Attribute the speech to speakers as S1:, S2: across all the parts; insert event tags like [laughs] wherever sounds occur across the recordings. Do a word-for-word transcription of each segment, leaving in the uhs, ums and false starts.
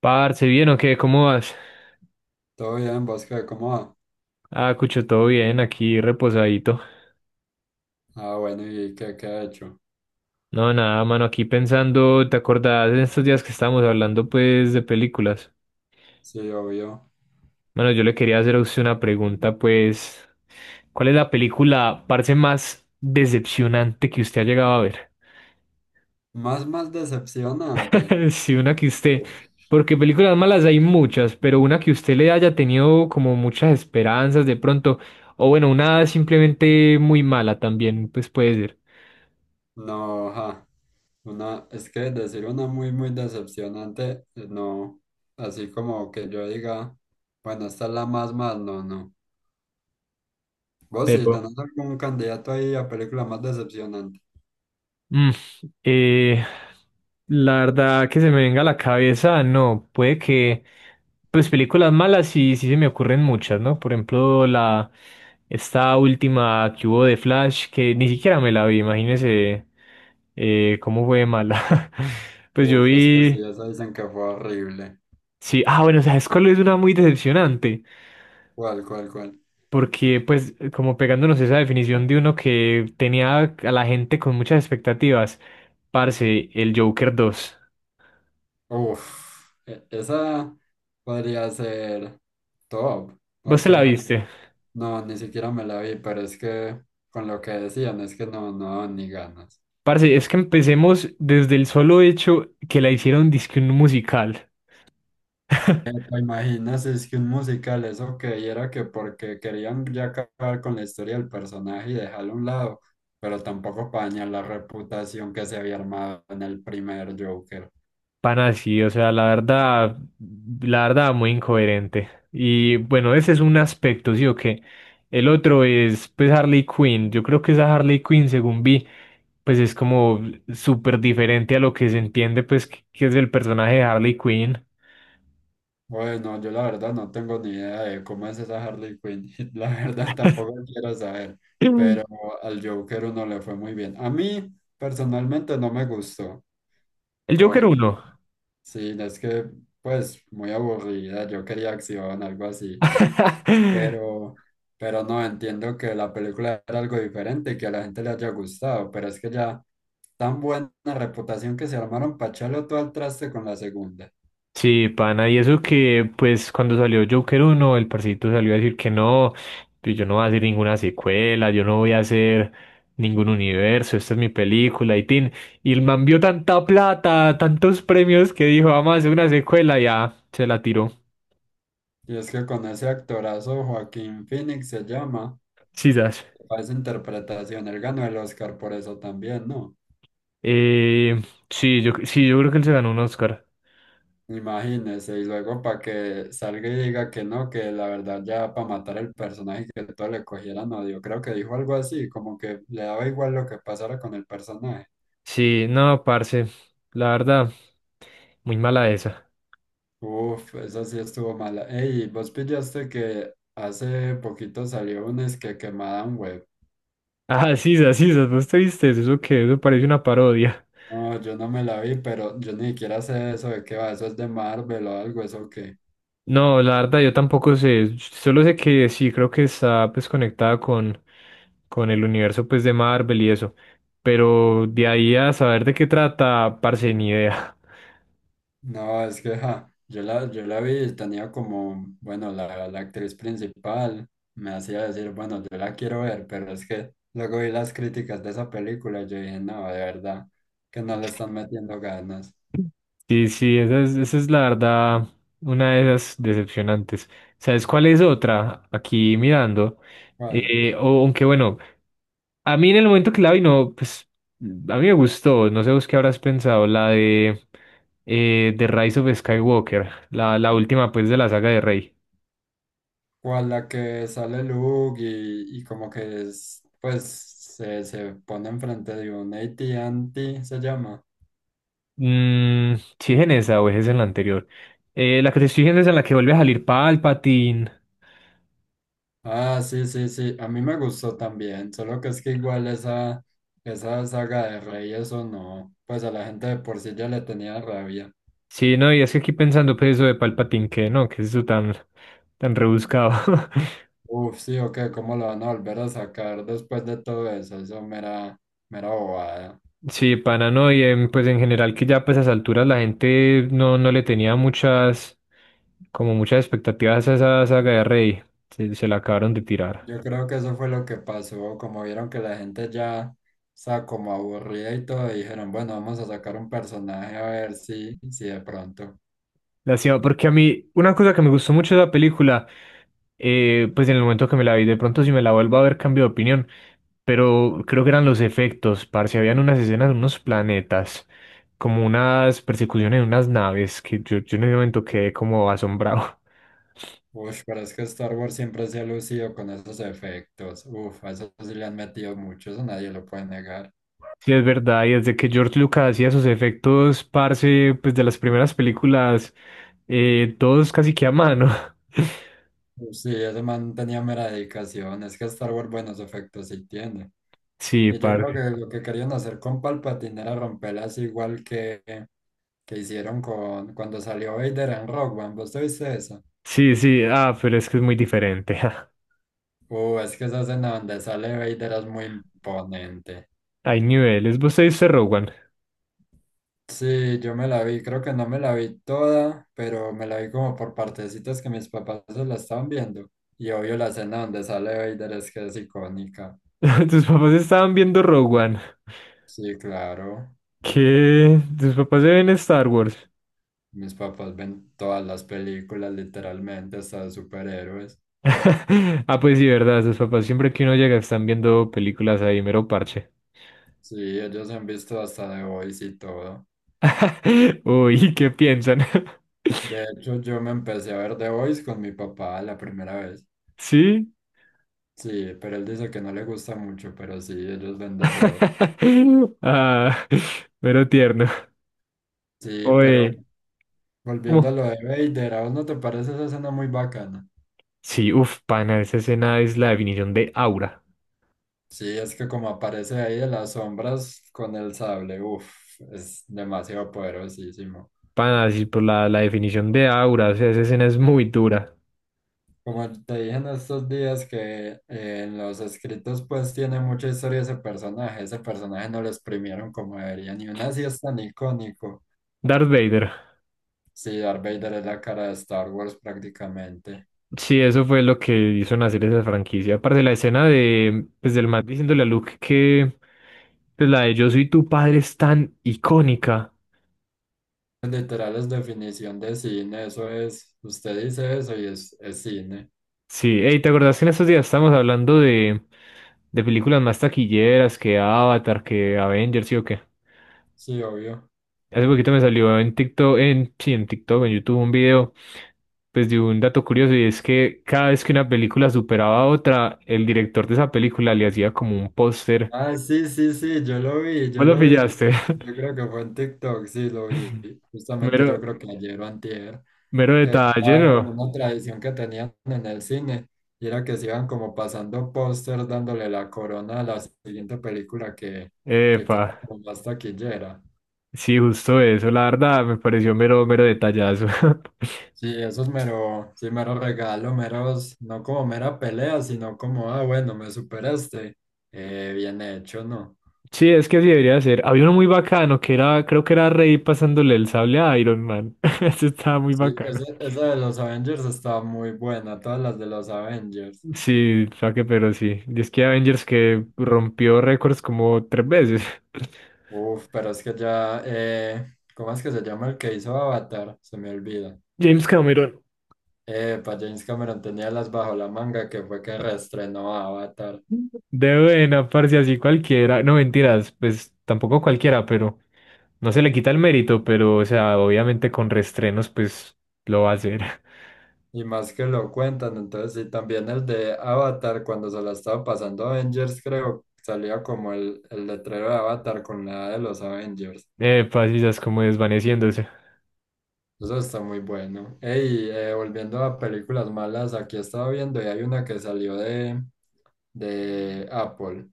S1: Parce, ¿bien o qué? ¿Cómo vas?
S2: Todo bien, ¿vos qué? ¿Cómo va?
S1: Ah, Cucho, todo bien, aquí reposadito.
S2: Ah, bueno, ¿y qué, qué ha hecho?
S1: No, nada, mano, aquí pensando, ¿te acordás de estos días que estábamos hablando, pues, de películas?
S2: Sí, obvio.
S1: Mano, yo le quería hacer a usted una pregunta, pues, ¿cuál es la película, parce, más decepcionante que usted ha llegado a ver?
S2: Más, más decepcionante.
S1: [laughs] Sí, una que usted,
S2: Uf.
S1: porque películas malas hay muchas, pero una que usted le haya tenido como muchas esperanzas de pronto, o bueno, una simplemente muy mala también, pues puede ser.
S2: No, ja. Una, es que decir una muy, muy decepcionante, eh, no. Así como que yo diga, bueno, esta es la más, más, no, no. Vos sí,
S1: Pero
S2: tenés algún candidato ahí a película más decepcionante.
S1: Mm, eh, la verdad que se me venga a la cabeza, no, puede que, pues películas malas sí, sí se me ocurren muchas, ¿no? Por ejemplo, la, esta última que hubo de Flash, que ni siquiera me la vi, imagínese eh, cómo fue de mala. [laughs] Pues yo
S2: Uf, es que sí,
S1: vi,
S2: esa dicen que fue horrible.
S1: sí, ah, bueno, ¿sabes cuál es una muy decepcionante?
S2: ¿Cuál, cuál, cuál?
S1: Porque pues como pegándonos esa definición de uno que tenía a la gente con muchas expectativas, parce, el Joker dos.
S2: Uf, e- esa podría ser top.
S1: Vos te la
S2: Porque,
S1: viste.
S2: No, ni siquiera me la vi, pero es que con lo que decían es que no, no daban ni ganas.
S1: Parce, es que empecemos desde el solo hecho que la hicieron disque un musical.
S2: Eh, ¿Te imaginas? Es que un musical, eso que era que porque querían ya acabar con la historia del personaje y dejarlo a un lado, pero tampoco para dañar la reputación que se había armado en el primer Joker.
S1: Pan así, o sea, la verdad, la verdad, muy incoherente. Y bueno, ese es un aspecto, ¿sí o qué? El otro es, pues, Harley Quinn. Yo creo que esa Harley Quinn, según vi, pues es como súper diferente a lo que se entiende, pues, que, que es el personaje de Harley Quinn. [clears throat]
S2: Bueno, yo la verdad no tengo ni idea de cómo es esa Harley Quinn, [laughs] la verdad tampoco quiero saber,
S1: Mm.
S2: pero al Joker uno le fue muy bien. A mí personalmente no me gustó.
S1: El Joker
S2: Porque
S1: uno.
S2: Sí, es que, pues, muy aburrida. Yo quería acción, algo así.
S1: [laughs]
S2: Pero, pero no, entiendo que la película era algo diferente y que a la gente le haya gustado. Pero es que ya, tan buena reputación que se armaron para echarlo todo al traste con la segunda.
S1: Sí, pana, y eso que, pues, cuando salió Joker uno el parcito salió a decir que no, pues, yo no voy a hacer ninguna secuela, yo no voy a hacer ningún universo, esta es mi película, y tin. Y el man vio tanta plata, tantos premios, que dijo, vamos a hacer una secuela, y ya, se la tiró.
S2: Y es que con ese actorazo, Joaquín Phoenix se llama,
S1: Sisas.
S2: para esa interpretación, él ganó el Oscar por eso también, ¿no?
S1: Eh, sí, yo, sí, yo creo que él se ganó un Oscar.
S2: Imagínese, y luego para que salga y diga que no, que la verdad ya para matar el personaje que todo le cogieran odio, creo que dijo algo así, como que le daba igual lo que pasara con el personaje.
S1: Sí, no, parce, la verdad, muy mala esa. [laughs]
S2: Uf, eso sí estuvo mala. Ey, vos pillaste que hace poquito salió un es que Madame Web.
S1: Ah, Sisas, Sisas, ¿vos te viste eso? ¿Eso qué? Eso parece una parodia.
S2: No, yo no me la vi, pero yo ni siquiera sé eso de qué va, eso es de Marvel o algo, eso que.
S1: No, la verdad yo tampoco sé. Solo sé que sí, creo que está pues conectada con, con el universo pues de Marvel y eso. Pero de ahí a saber de qué trata, parce, ni idea.
S2: No, es que ja, yo la, yo la vi, y tenía como, bueno, la, la actriz principal me hacía decir, bueno, yo la quiero ver, pero es que luego vi las críticas de esa película y yo dije, no, de verdad, que no le están metiendo ganas.
S1: Sí, sí, esa es, esa es la verdad, una de esas decepcionantes. ¿Sabes cuál es otra? Aquí mirando.
S2: ¿Cuál?
S1: Eh, o- aunque bueno, a mí en el momento que la vi, no, pues a mí me gustó. No sé vos qué habrás pensado, la de eh, The Rise of Skywalker, la, la última pues de la saga de Rey.
S2: ¿Cuál la que sale Luke y, y como que es, pues se, se pone enfrente de un A T and T, se llama?
S1: Mm, sí, es en esa o es en la anterior. Eh, la que te estoy diciendo es en la que vuelve a salir Palpatine.
S2: Ah, sí, sí, sí, a mí me gustó también, solo que es que igual esa, esa saga de Rey, eso no, pues a la gente de por sí ya le tenía rabia.
S1: Sí, no, y es que aquí pensando pues eso de Palpatine, que no, que es eso tan, tan rebuscado. [laughs]
S2: Uf, sí, ok, ¿cómo lo van a volver a sacar después de todo eso? Eso mera, mera bobada.
S1: Sí, pana, no, y em, pues en general que ya pues a esas alturas la gente no, no le tenía muchas, como muchas expectativas a esa saga de Rey. Se, se la acabaron de tirar.
S2: Yo creo que eso fue lo que pasó, como vieron que la gente ya está como aburrida y todo, dijeron, bueno, vamos a sacar un personaje a ver si, si de pronto.
S1: La cima, porque a mí, una cosa que me gustó mucho de la película, eh, pues en el momento que me la vi, de pronto si me la vuelvo a ver cambio de opinión, pero creo que eran los efectos, parce, habían unas escenas de unos planetas, como unas persecuciones de unas naves, que yo, yo en ese momento quedé como asombrado. [laughs]
S2: Uf, pero es que Star Wars siempre se ha lucido con esos efectos. Uf, a eso sí le han metido mucho, eso nadie lo puede negar.
S1: Sí, es verdad, y desde que George Lucas hacía sus efectos, parce, pues de las primeras películas, eh, todos casi que a mano.
S2: Uf, Sí, ese man tenía mera dedicación. Es que Star Wars buenos efectos sí tiene.
S1: [laughs] Sí,
S2: Y yo creo
S1: parce.
S2: que lo que querían hacer con Palpatine era romperlas igual que, que hicieron con cuando salió Vader en Rogue One. ¿Vos te viste eso?
S1: Sí, sí, ah, pero es que es muy diferente. [laughs]
S2: Uh, es que esa escena donde sale Vader es muy imponente.
S1: Hay niveles. Vos te viste Rogue One.
S2: Sí, yo me la vi, creo que no me la vi toda, pero me la vi como por partecitas que mis papás se la estaban viendo. Y obvio la escena donde sale Vader es que es icónica.
S1: [laughs] Tus papás estaban viendo Rogue One.
S2: Sí, claro,
S1: ¿Qué? Tus papás se ven Star Wars.
S2: mis papás ven todas las películas literalmente, hasta de superhéroes.
S1: [laughs] Ah, pues sí, verdad. Tus papás siempre que uno llega están viendo películas ahí, mero parche.
S2: Sí, ellos han visto hasta The Boys y todo.
S1: [laughs] Uy, ¿qué piensan?
S2: De hecho, yo me empecé a ver The Boys con mi papá la primera vez.
S1: [laughs] ¿Sí?
S2: Sí, pero él dice que no le gusta mucho, pero sí, ellos ven de todo.
S1: [laughs] Ah, mero tierno.
S2: Sí, pero
S1: Oye,
S2: Volviendo
S1: ¿cómo?
S2: a lo de Vader, ¿a vos no te parece esa escena muy bacana?
S1: Sí, uff, pana, esa escena es la definición de aura.
S2: Sí, es que como aparece ahí de las sombras con el sable, uff, es demasiado poderosísimo.
S1: Pana, sí, por la, la definición de aura, o sea, esa escena es muy dura.
S2: Como te dije en estos días que eh, en los escritos pues tiene mucha historia ese personaje, ese personaje no lo exprimieron como deberían y aún así es tan icónico.
S1: Darth Vader.
S2: Sí, Darth Vader es la cara de Star Wars prácticamente.
S1: Sí, eso fue lo que hizo nacer esa franquicia. Aparte la escena de, pues, del Matt diciéndole a Luke que pues, la de Yo soy tu padre es tan icónica.
S2: Literal es definición de cine, eso es, usted dice eso y es, es cine,
S1: Sí, hey, ¿te acordás que en estos días estábamos hablando de, de películas más taquilleras que Avatar, que Avengers, sí o qué?
S2: sí, obvio.
S1: Hace poquito me salió en TikTok, en, sí, en TikTok, en YouTube, un video, pues de un dato curioso, y es que cada vez que una película superaba a otra, el director de esa película le hacía como un póster.
S2: Ah, sí, sí, sí, yo lo vi, yo
S1: ¿Vos lo
S2: lo vi.
S1: pillaste?
S2: Yo creo que fue en TikTok, sí, lo vi.
S1: [laughs]
S2: Justamente yo
S1: Mero,
S2: creo que ayer o antier,
S1: mero
S2: que
S1: detalle,
S2: era como
S1: ¿no?
S2: una tradición que tenían en el cine, y era que se iban como pasando póster dándole la corona a la siguiente película que, que
S1: Epa,
S2: quedaba como más taquillera.
S1: sí, justo eso, la verdad, me pareció mero, mero detallazo. [laughs]
S2: Sí, eso es mero, sí, mero regalo, meros, no como mera pelea, sino como, ah, bueno, me superaste. Eh, bien hecho, ¿no?
S1: Sí, es que así debería ser. Había uno muy bacano que era, creo que era Rey pasándole el sable a Iron Man. [laughs] Eso estaba muy
S2: Sí,
S1: bacano.
S2: esa, esa de los Avengers está muy buena, todas las de los Avengers.
S1: Sí, saque, pero sí. Y es que Avengers que rompió récords como tres veces.
S2: Uf, pero es que ya, eh, ¿cómo es que se llama el que hizo Avatar? Se me olvida.
S1: [laughs] James Cameron.
S2: Eh, para James Cameron tenía las bajo la manga que fue que reestrenó Avatar.
S1: De buena, parce, así cualquiera. No, mentiras, pues tampoco cualquiera, pero no se le quita el mérito, pero, o sea, obviamente con restrenos, pues lo va a hacer.
S2: Y más que lo cuentan, entonces sí, también el de Avatar, cuando se la estaba pasando Avengers, creo, salía como el, el letrero de Avatar con la A de los Avengers.
S1: Epa, sí, ya es como desvaneciéndose. [laughs]
S2: Eso está muy bueno. Ey, eh, volviendo a películas malas, aquí estaba viendo y hay una que salió de, de Apple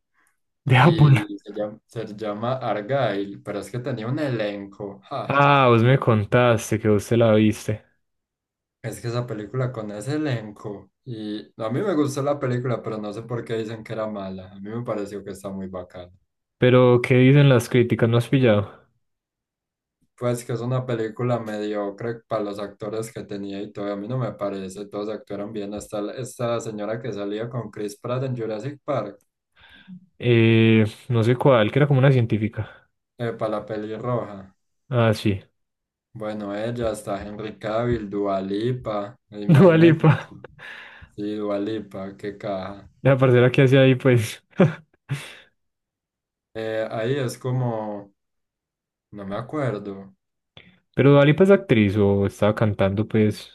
S1: De Apple.
S2: y se llama, se llama Argyle, pero es que tenía un elenco. Ja,
S1: Ah, vos me contaste que vos te la viste.
S2: es que esa película con ese elenco. Y no, a mí me gustó la película, pero no sé por qué dicen que era mala. A mí me pareció que está muy bacana.
S1: Pero, ¿qué dicen las críticas? ¿No has pillado?
S2: Pues que es una película mediocre para los actores que tenía y todo. A mí no me parece, todos actuaron bien. Hasta la- esta señora que salía con Chris Pratt en Jurassic Park,
S1: Eh, no sé cuál, que era como una científica.
S2: para la peli roja.
S1: Ah, sí.
S2: Bueno, ella está Henry Cavill, Dua Lipa,
S1: [laughs] Dua
S2: imagínense.
S1: Lipa.
S2: Sí, Dua Lipa, qué caja.
S1: La parcera que hacía ahí, pues. [laughs]
S2: Eh, ahí es como, no me acuerdo,
S1: Pero Dua Lipa es actriz o estaba cantando, pues,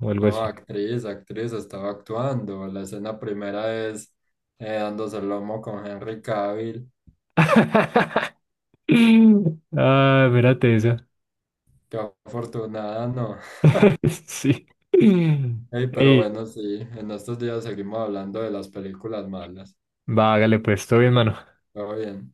S1: o algo
S2: no,
S1: así.
S2: actriz, actriz, estaba actuando. La escena primera es eh, dándose el lomo con Henry Cavill.
S1: [laughs] Ah, mírate esa.
S2: Qué afortunada, no.
S1: [laughs] Sí.
S2: [laughs] Ey, pero
S1: Ey,
S2: bueno, sí, en estos días seguimos hablando de las películas malas.
S1: vágale, pues, todo bien, mano.
S2: Todo bien.